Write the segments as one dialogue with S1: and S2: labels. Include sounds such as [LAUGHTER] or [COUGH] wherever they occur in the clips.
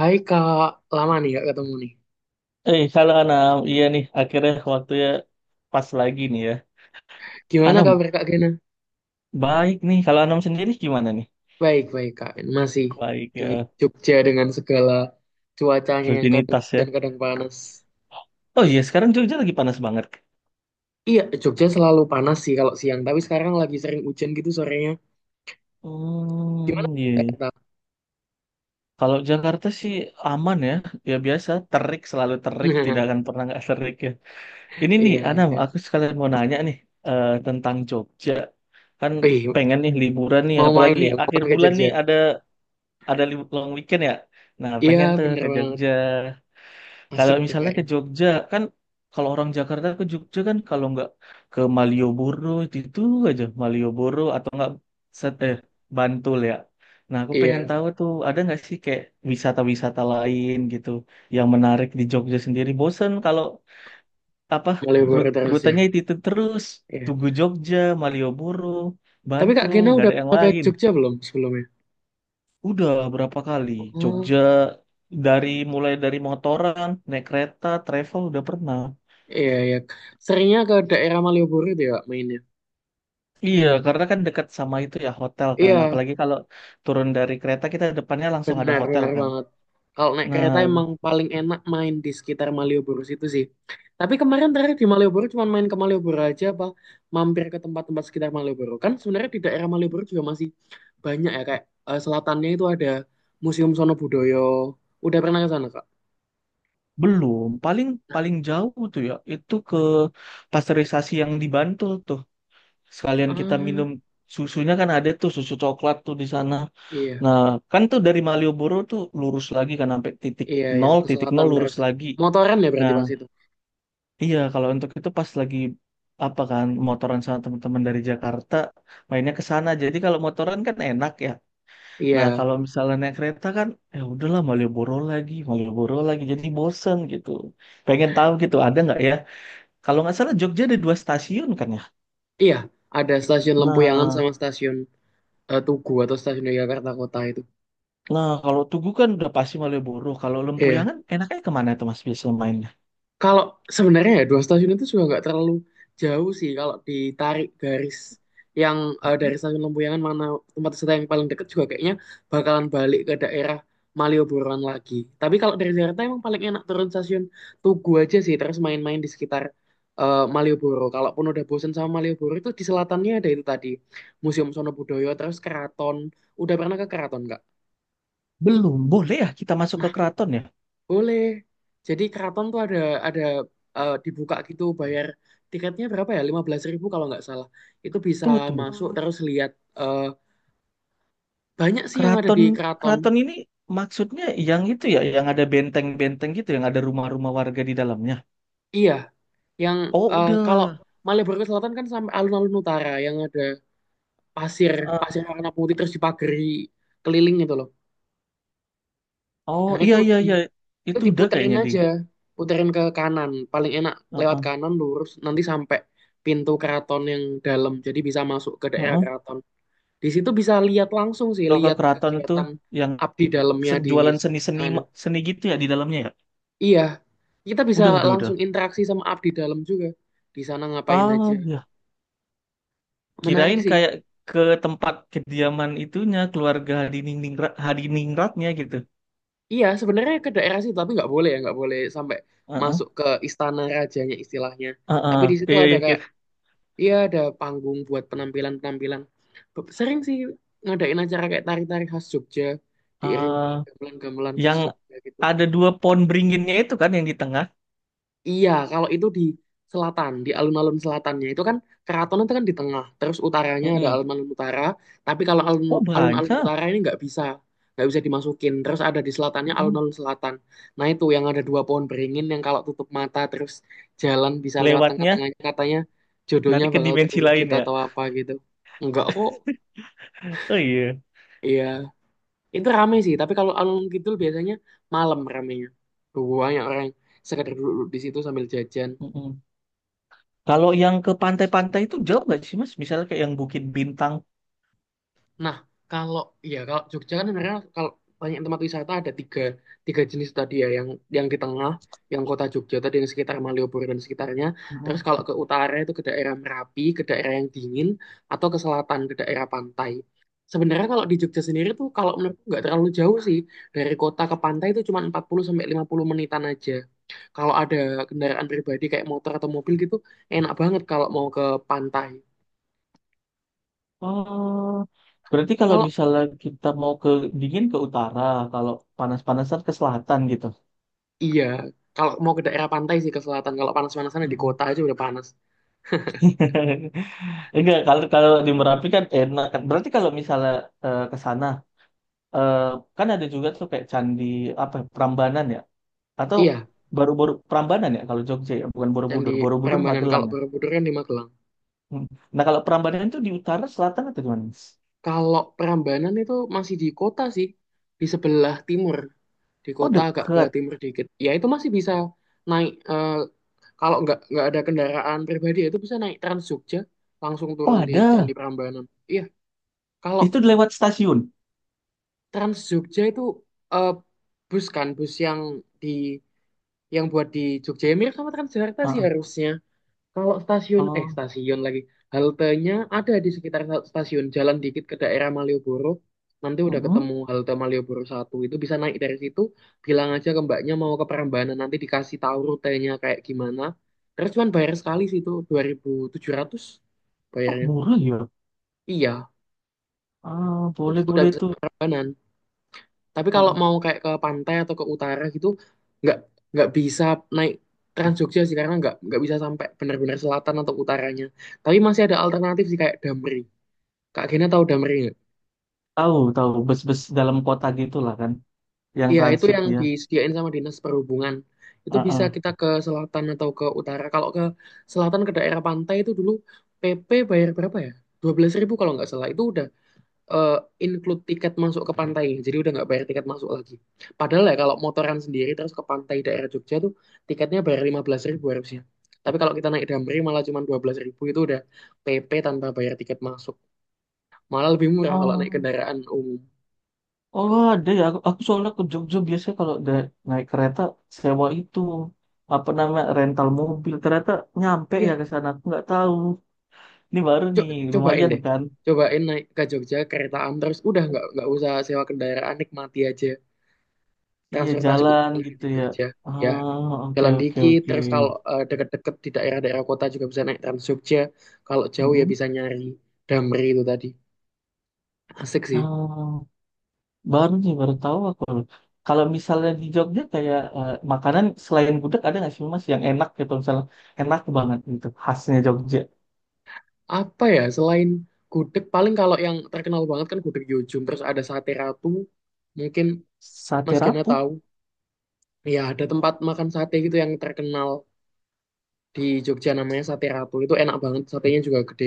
S1: Hai Kak, lama nih Kak ketemu nih.
S2: Eh, halo Anam. Iya nih, akhirnya waktunya pas lagi nih ya.
S1: Gimana
S2: Anam,
S1: kabar Kak Gena?
S2: baik nih. Kalau Anam sendiri gimana nih?
S1: Baik, baik Kak. Masih
S2: Baik
S1: di
S2: ya,
S1: Jogja dengan segala cuacanya yang kadang
S2: rutinitas
S1: hujan
S2: ya.
S1: kadang panas.
S2: Oh iya, sekarang Jogja lagi panas banget.
S1: Iya, Jogja selalu panas sih kalau siang, tapi sekarang lagi sering hujan gitu sorenya. Gimana
S2: Hmm, iya. Iya.
S1: Kak?
S2: Kalau Jakarta sih aman ya. Ya biasa, terik, selalu terik. Tidak
S1: [LAUGHS]
S2: akan pernah nggak terik ya. Ini nih,
S1: Iya,
S2: Anam, aku
S1: iya.
S2: sekalian mau nanya nih tentang Jogja. Kan
S1: Wih,
S2: pengen nih liburan nih,
S1: mau main
S2: apalagi
S1: ya, mau
S2: akhir
S1: main ke
S2: bulan
S1: Jogja.
S2: nih ada long weekend ya. Nah,
S1: Iya,
S2: pengen tuh
S1: bener
S2: ke
S1: banget.
S2: Jogja. Kalau
S1: Asik tuh
S2: misalnya ke
S1: kayaknya.
S2: Jogja kan kalau orang Jakarta ke Jogja kan kalau nggak ke Malioboro itu aja Malioboro atau nggak set eh Bantul ya. Nah aku pengen
S1: Iya,
S2: tahu tuh ada nggak sih kayak wisata-wisata lain gitu yang menarik di Jogja sendiri. Bosen kalau apa
S1: mau liburan terus ya.
S2: rutenya itu terus
S1: Iya.
S2: Tugu Jogja, Malioboro,
S1: Tapi Kak
S2: Bantul
S1: Gena
S2: nggak
S1: udah
S2: ada yang
S1: pernah ke
S2: lain.
S1: Jogja belum sebelumnya?
S2: Udah berapa kali
S1: Oh.
S2: Jogja dari mulai dari motoran, naik kereta, travel udah pernah.
S1: Iya, iya. Seringnya ke daerah Malioboro itu ya Kak, mainnya.
S2: Iya, karena kan dekat sama itu ya hotel kan.
S1: Iya,
S2: Apalagi kalau turun dari kereta kita depannya langsung ada
S1: benar,
S2: hotel
S1: benar
S2: kan.
S1: banget. Kalau naik kereta emang
S2: Nah,
S1: paling enak main di sekitar Malioboro situ sih. Tapi kemarin terakhir di Malioboro cuma main ke Malioboro aja apa mampir ke tempat-tempat sekitar Malioboro. Kan sebenarnya di daerah Malioboro juga masih banyak ya kayak selatannya itu ada Museum Sono Budoyo. Udah pernah ke sana, Kak?
S2: belum. Paling
S1: Nah.
S2: paling jauh tuh ya itu ke pasteurisasi yang di Bantul tuh. Sekalian kita
S1: Ah,
S2: minum susunya kan ada tuh susu coklat tuh di sana.
S1: iya,
S2: Nah, kan tuh dari Malioboro tuh lurus lagi kan sampai
S1: iya, iya, ke
S2: titik nol
S1: selatan
S2: lurus
S1: terus.
S2: lagi.
S1: Motoran ya berarti
S2: Nah,
S1: pas itu.
S2: iya kalau untuk itu pas lagi apa kan motoran sama teman-teman dari Jakarta mainnya ke sana. Jadi kalau motoran kan enak ya.
S1: Iya,
S2: Nah, kalau misalnya naik kereta kan, ya udahlah Malioboro lagi, jadi bosen gitu. Pengen tahu gitu, ada nggak ya? Kalau nggak salah Jogja ada dua stasiun kan ya?
S1: iya, ada stasiun Lempuyangan
S2: Nah,
S1: sama stasiun Tugu atau stasiun Yogyakarta Kota itu.
S2: nah kalau Tugu kan udah pasti Malioboro. Kalau
S1: Iya.
S2: Lempuyangan enaknya kemana tuh Mas biasanya mainnya?
S1: Kalau sebenarnya ya dua stasiun itu juga nggak terlalu jauh sih kalau ditarik garis yang dari stasiun Lempuyangan mana tempat wisata yang paling dekat juga kayaknya bakalan balik ke daerah Malioboroan lagi. Tapi kalau dari Jakarta emang paling enak turun stasiun Tugu aja sih terus main-main di sekitar Malioboro. Kalaupun udah bosen sama Malioboro itu di selatannya ada itu tadi Museum Sono Budoyo terus Keraton. Udah pernah ke Keraton nggak?
S2: Belum, boleh ya kita masuk ke keraton ya?
S1: Boleh. Jadi keraton tuh ada dibuka gitu bayar tiketnya berapa ya? 15 ribu kalau nggak salah. Itu bisa
S2: Tunggu, tunggu.
S1: masuk. Oh. Terus lihat eh, banyak sih yang ada di
S2: Keraton,
S1: keraton.
S2: keraton ini maksudnya yang itu ya, yang ada benteng-benteng gitu, yang ada rumah-rumah warga di dalamnya.
S1: Iya, yang
S2: Oh,
S1: kalau
S2: udah.
S1: Malioboro ke Selatan kan sampai alun-alun utara yang ada pasir,
S2: Heeh.
S1: pasir warna putih terus dipagari keliling gitu loh.
S2: Oh,
S1: Nah,
S2: iya, iya, iya.
S1: itu
S2: Itu udah
S1: diputerin
S2: kayaknya di.
S1: aja, puterin ke kanan. Paling enak lewat
S2: Heeh.
S1: kanan lurus nanti sampai pintu keraton yang dalam. Jadi bisa masuk ke daerah
S2: Heeh.
S1: keraton. Di situ bisa lihat langsung sih,
S2: Kalau ke
S1: lihat
S2: keraton itu
S1: kegiatan
S2: yang
S1: abdi dalamnya di
S2: jualan seni-seni
S1: sana.
S2: seni gitu ya di dalamnya ya.
S1: Iya, kita bisa
S2: Udah, udah.
S1: langsung interaksi sama abdi dalam juga. Di sana ngapain aja.
S2: Ah, ya.
S1: Menarik
S2: Kirain
S1: sih.
S2: kayak ke tempat kediaman itunya keluarga hadiningrat hadiningratnya gitu.
S1: Iya, sebenarnya ke daerah situ, tapi nggak boleh ya, nggak boleh sampai
S2: Heeh.
S1: masuk ke istana rajanya istilahnya.
S2: Heeh.
S1: Tapi di situ
S2: Iya,
S1: ada
S2: iya,
S1: kayak,
S2: kira.
S1: iya ada panggung buat penampilan-penampilan. Sering sih ngadain acara kayak tari-tari khas Jogja, diiringi
S2: Ah,
S1: gamelan-gamelan khas
S2: yang
S1: Jogja gitu.
S2: ada dua pohon beringinnya itu kan yang di tengah.
S1: Iya, kalau itu di selatan, di alun-alun selatannya itu kan keraton itu kan di tengah, terus utaranya ada
S2: Mm-mm.
S1: alun-alun utara. Tapi kalau
S2: Oh,
S1: alun-alun
S2: banyak.
S1: utara ini nggak bisa dimasukin. Terus ada di selatannya
S2: Mm-mm.
S1: alun-alun selatan. Nah itu yang ada dua pohon beringin yang kalau tutup mata terus jalan bisa lewat
S2: Lewatnya
S1: tengah-tengahnya katanya jodohnya
S2: nanti ke
S1: bakal
S2: dimensi lain
S1: terwujud
S2: ya.
S1: atau apa gitu. Enggak kok,
S2: Oh iya.
S1: iya. Itu rame sih, tapi kalau alun-alun kidul biasanya malam ramenya. Banyak orang yang sekedar duduk di situ sambil jajan.
S2: Mm-mm. Kalau yang ke pantai-pantai itu jauh nggak sih, Mas? Misalnya kayak yang Bukit Bintang.
S1: Nah, kalau kalau Jogja kan sebenarnya kalau banyak tempat wisata ada tiga tiga jenis tadi ya yang di tengah, yang kota Jogja tadi yang sekitar Malioboro dan sekitarnya. Terus kalau ke utara itu ke daerah Merapi, ke daerah yang dingin atau ke selatan ke daerah pantai. Sebenarnya kalau di Jogja sendiri tuh kalau menurutku nggak terlalu jauh sih dari kota ke pantai itu cuma 40 sampai 50 menitan aja. Kalau ada kendaraan pribadi kayak motor atau mobil gitu enak banget kalau mau ke pantai.
S2: Oh, berarti kalau
S1: kalau
S2: misalnya kita mau ke dingin ke utara, kalau panas-panasan ke selatan gitu.
S1: Iya, kalau mau ke daerah pantai sih ke selatan. Kalau panas-panasan ya di
S2: Mm.
S1: kota aja udah panas.
S2: [LAUGHS] Enggak, kalau kalau di Merapi kan enak kan. Berarti kalau misalnya ke sana, eh, kan ada juga tuh kayak candi apa ya, Prambanan ya, atau
S1: Iya,
S2: baru-baru Prambanan ya kalau Jogja ya, bukan
S1: dan di
S2: Borobudur. Borobudur
S1: Prambanan.
S2: Magelang
S1: Kalau
S2: ya.
S1: Borobudur kan di Magelang.
S2: Mm. Nah kalau Prambanan itu di utara, selatan atau gimana?
S1: Kalau Prambanan itu masih di kota sih, di sebelah timur, di
S2: Oh
S1: kota agak ke
S2: dekat.
S1: timur dikit. Ya itu masih bisa naik. Kalau nggak ada kendaraan pribadi ya itu bisa naik Trans Jogja, langsung
S2: Oh
S1: turun di Candi
S2: ada.
S1: Prambanan. Iya, kalau
S2: Itu lewat stasiun.
S1: Trans Jogja itu eh, bus kan, bus di yang buat di Jogja ya mirip sama Transjakarta
S2: Ah,
S1: sih
S2: ah.
S1: harusnya. Kalau stasiun, eh
S2: Oh,
S1: stasiun lagi, haltenya ada di sekitar stasiun, jalan dikit ke daerah Malioboro, nanti udah
S2: mm-mm.
S1: ketemu halte Malioboro satu itu bisa naik dari situ, bilang aja ke mbaknya mau ke Prambanan, nanti dikasih tahu rutenya kayak gimana. Terus cuman bayar sekali sih itu, 2.700
S2: Oh
S1: bayarnya.
S2: murah ya.
S1: Iya,
S2: Ah,
S1: terus
S2: boleh
S1: udah
S2: boleh
S1: bisa
S2: tuh.
S1: ke Prambanan. Tapi
S2: Ah,
S1: kalau
S2: ah.
S1: mau kayak ke pantai atau ke utara gitu, nggak nggak bisa naik Trans Jogja sih karena nggak bisa sampai benar-benar selatan atau utaranya. Tapi masih ada alternatif sih kayak Damri. Kak Gena tahu Damri nggak?
S2: Tahu tahu bus-bus dalam kota gitulah kan, yang
S1: Iya itu
S2: transit
S1: yang
S2: ya.
S1: disediain sama Dinas Perhubungan. Itu
S2: Ah,
S1: bisa
S2: ah.
S1: kita ke selatan atau ke utara. Kalau ke selatan ke daerah pantai itu dulu PP bayar berapa ya? 12 ribu kalau nggak salah. Itu udah eh, include tiket masuk ke pantai. Jadi udah nggak bayar tiket masuk lagi. Padahal ya kalau motoran sendiri terus ke pantai daerah Jogja tuh tiketnya bayar 15 ribu harusnya. Tapi kalau kita naik Damri malah cuma 12 ribu itu udah PP tanpa bayar tiket masuk. Malah lebih murah kalau naik
S2: Oh,
S1: kendaraan umum.
S2: oh ada ya. Aku soalnya ke Jogja biasanya kalau naik kereta sewa itu apa namanya rental mobil. Ternyata nyampe ya
S1: Iya,
S2: ke sana. Aku nggak tahu. Ini baru nih,
S1: cobain
S2: lumayan
S1: deh.
S2: kan?
S1: Cobain naik ke Jogja keretaan terus udah nggak usah sewa kendaraan nikmati aja
S2: Iya
S1: transportasi umum
S2: jalan
S1: yang ada
S2: gitu
S1: di
S2: ya.
S1: Jogja. Iya.
S2: Ah, oke
S1: Jalan
S2: oke
S1: dikit
S2: oke.
S1: terus kalau deket-deket di daerah-daerah kota juga bisa naik Trans Jogja, kalau jauh ya
S2: Mhm.
S1: bisa nyari Damri itu tadi, asik sih.
S2: Ah, baru nih, baru tahu aku. Kalau misalnya di Jogja kayak makanan selain gudeg ada nggak sih Mas yang enak gitu misalnya enak banget gitu khasnya Jogja.
S1: Apa ya, selain gudeg paling kalau yang terkenal banget kan gudeg Yujum terus ada sate ratu mungkin. Mas
S2: Sate
S1: Gena
S2: rapuh.
S1: tahu ya, ada tempat makan sate gitu yang terkenal di Jogja namanya Sate Ratu. Itu enak banget, satenya juga gede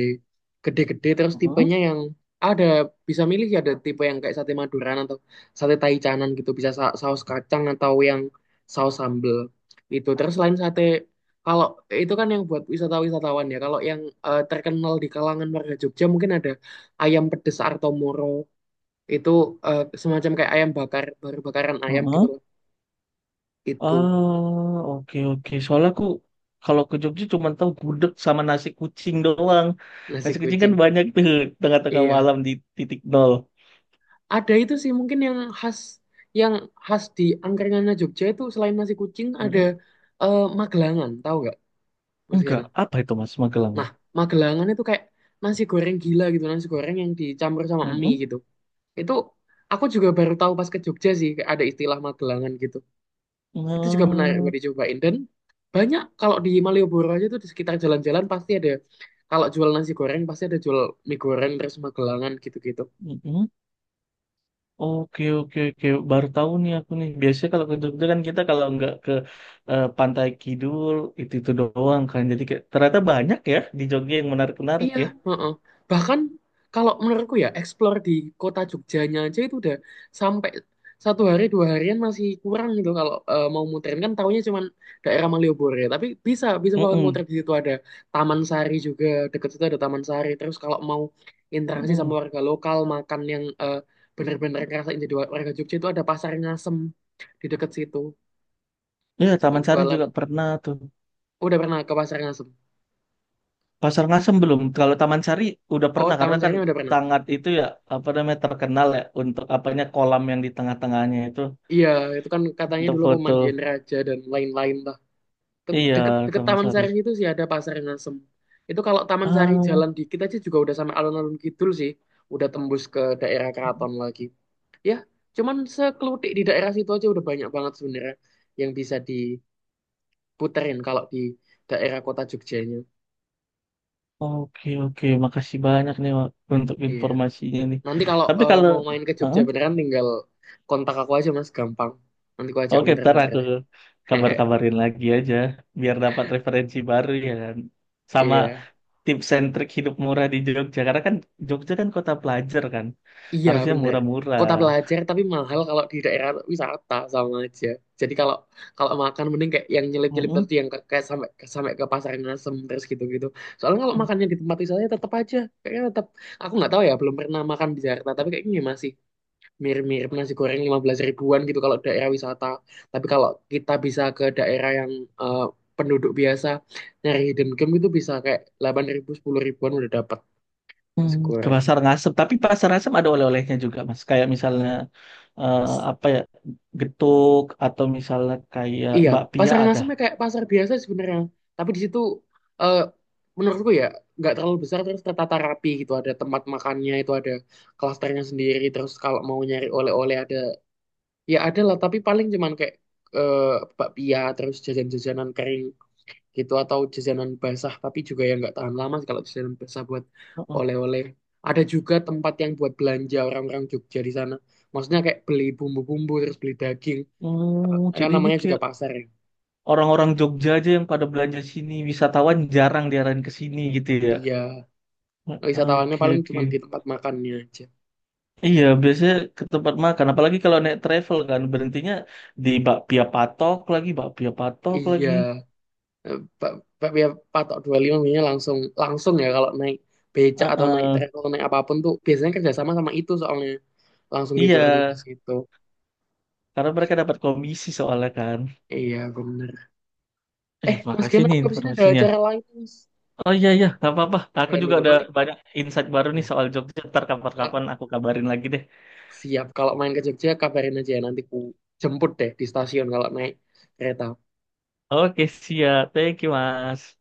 S1: gede-gede terus
S2: Heeh,
S1: tipenya yang ada bisa milih ya, ada tipe yang kayak sate Maduran atau sate Taichanan gitu bisa saus kacang atau yang saus sambel itu. Terus selain sate kalau itu kan yang buat wisata-wisatawan ya. Kalau yang terkenal di kalangan warga Jogja mungkin ada ayam pedes Artomoro. Itu semacam kayak ayam bakar baru bakaran ayam gitu
S2: heeh.
S1: loh. Itu
S2: Ah, oke oke. Soalnya aku kalau ke Jogja cuma tahu gudeg sama nasi kucing doang.
S1: nasi
S2: Nasi kucing kan
S1: kucing,
S2: banyak tuh tengah-tengah
S1: iya.
S2: malam di titik nol.
S1: Ada itu sih mungkin yang khas di angkringannya Jogja itu selain nasi kucing ada
S2: Heeh.
S1: magelangan, tahu nggak Mas
S2: Enggak,
S1: Kena?
S2: apa itu Mas Magelangan?
S1: Nah, magelangan itu kayak nasi goreng gila gitu, nasi goreng yang dicampur sama mie
S2: Heeh.
S1: gitu. Itu aku juga baru tahu pas ke Jogja sih kayak ada istilah magelangan gitu. Itu juga menarik
S2: Nah,
S1: buat dicobain dan banyak kalau di Malioboro aja tuh di sekitar jalan-jalan pasti ada, kalau jual nasi goreng pasti ada jual mie goreng terus magelangan gitu-gitu.
S2: heeh. Oke oke oke baru tahu nih aku nih biasanya kalau ke Jogja kan kita kalau nggak ke Pantai Kidul itu doang kan jadi kayak, ternyata banyak ya di Jogja yang menarik menarik
S1: Iya,
S2: ya.
S1: heeh. Bahkan kalau menurutku ya, explore di kota Jogjanya aja itu udah sampai 1 hari 2 harian masih kurang gitu, kalau mau muterin kan taunya cuman daerah Malioboro ya. Tapi bisa bisa banget muter
S2: mm
S1: di situ, ada Taman Sari juga, deket situ ada Taman Sari. Terus kalau mau interaksi sama warga lokal makan yang bener-bener ngerasain jadi warga Jogja itu ada Pasar Ngasem di deket situ.
S2: ya
S1: Itu
S2: Taman Sari
S1: jualan.
S2: juga pernah tuh.
S1: Udah pernah ke Pasar Ngasem?
S2: Pasar Ngasem belum kalau Taman Sari udah
S1: Oh,
S2: pernah karena
S1: Taman
S2: kan
S1: Sari udah pernah.
S2: sangat itu ya apa namanya terkenal ya untuk apanya kolam yang di tengah-tengahnya itu
S1: Iya, itu kan katanya
S2: untuk
S1: dulu
S2: foto.
S1: pemandian raja dan lain-lain lah. Te-
S2: Iya,
S1: Deket, deket
S2: Taman
S1: Taman
S2: Sari.
S1: Sari itu sih ada Pasar Ngasem. Itu kalau Taman Sari
S2: Ah.
S1: jalan dikit aja juga udah sama alun-alun kidul sih. Udah tembus ke daerah keraton lagi. Ya, cuman sekelutik di daerah situ aja udah banyak banget sebenarnya yang bisa diputerin kalau di daerah kota Jogjanya.
S2: Oke, oke. Makasih banyak nih Wak, untuk
S1: Iya.
S2: informasinya nih.
S1: Nanti kalau
S2: Tapi kalau.
S1: mau main ke Jogja
S2: Hah?
S1: beneran tinggal kontak aku aja Mas, gampang. Nanti aku ajak
S2: Oke, ntar
S1: muter-muter
S2: aku
S1: deh. [LAUGHS] Hehe.
S2: kabar-kabarin lagi aja biar dapat referensi baru ya kan. Sama
S1: Iya.
S2: tips and trik hidup murah di Jogja. Karena kan Jogja kan kota pelajar kan.
S1: Iya
S2: Harusnya
S1: bener.
S2: murah-murah.
S1: Kota pelajar tapi mahal kalau di daerah wisata sama aja. Jadi kalau kalau makan mending kayak yang nyelip-nyelip
S2: Mm-mm.
S1: tadi yang kayak sampai sampai ke pasar Ngasem terus gitu-gitu. Soalnya kalau makannya di tempat wisata ya tetap aja kayaknya tetap, aku nggak tahu ya belum pernah makan di Jakarta tapi kayaknya masih mirip-mirip nasi goreng 15 ribuan gitu kalau daerah wisata. Tapi kalau kita bisa ke daerah yang eh, penduduk biasa nyari hidden gem itu bisa kayak 8 ribu 10 ribuan udah dapat nasi
S2: Hmm, ke
S1: goreng.
S2: pasar Ngasem, tapi pasar Ngasem ada oleh-olehnya juga, Mas. Kayak misalnya eh, apa ya, getuk atau misalnya kayak
S1: Iya,
S2: bakpia
S1: pasar
S2: ada.
S1: Ngasem ya kayak pasar biasa sebenarnya. Tapi di situ eh, menurutku ya nggak terlalu besar terus tertata rapi gitu. Ada tempat makannya itu ada klasternya sendiri. Terus kalau mau nyari oleh-oleh ada, ya ada lah. Tapi paling cuman kayak eh, bakpia terus jajan-jajanan kering gitu atau jajanan basah. Tapi juga yang nggak tahan lama sih kalau jajanan basah buat
S2: Mm-mm.
S1: oleh-oleh. Ada juga tempat yang buat belanja orang-orang Jogja di sana. Maksudnya kayak beli bumbu-bumbu terus beli daging.
S2: Hmm,
S1: Kan
S2: jadi ini
S1: namanya juga
S2: kayak
S1: pasar ya.
S2: orang-orang Jogja aja yang pada belanja sini, wisatawan jarang diarahin ke sini gitu ya.
S1: Iya. Wisatawannya
S2: Oke,
S1: paling
S2: oke.
S1: cuma di tempat makannya aja.
S2: Iya, biasanya ke tempat makan. Apalagi kalau naik travel kan, berhentinya di bakpia patok lagi, bakpia patok
S1: Iya.
S2: lagi.
S1: Eh, bakpia patok 25 biasanya langsung langsung ya kalau naik becak atau naik
S2: Heeh.
S1: trek naik apapun tuh biasanya kerjasama sama itu soalnya langsung
S2: Iya,
S1: diturunin di situ.
S2: karena mereka dapat komisi soalnya kan.
S1: Iya bener.
S2: Eh,
S1: Eh mas
S2: makasih
S1: Gena,
S2: nih
S1: aku habis ini ada
S2: informasinya.
S1: acara lain mas.
S2: Oh iya, iya, nggak apa-apa. Aku
S1: Udahan
S2: juga
S1: dulu
S2: udah
S1: nanti
S2: banyak insight baru nih
S1: ya
S2: soal Jogja. Ntar
S1: Kak,
S2: kapan-kapan aku kabarin lagi deh.
S1: siap kalau main ke Jogja kabarin aja ya nanti ku jemput deh di stasiun kalau naik kereta.
S2: Oke, siap. Thank you, Mas.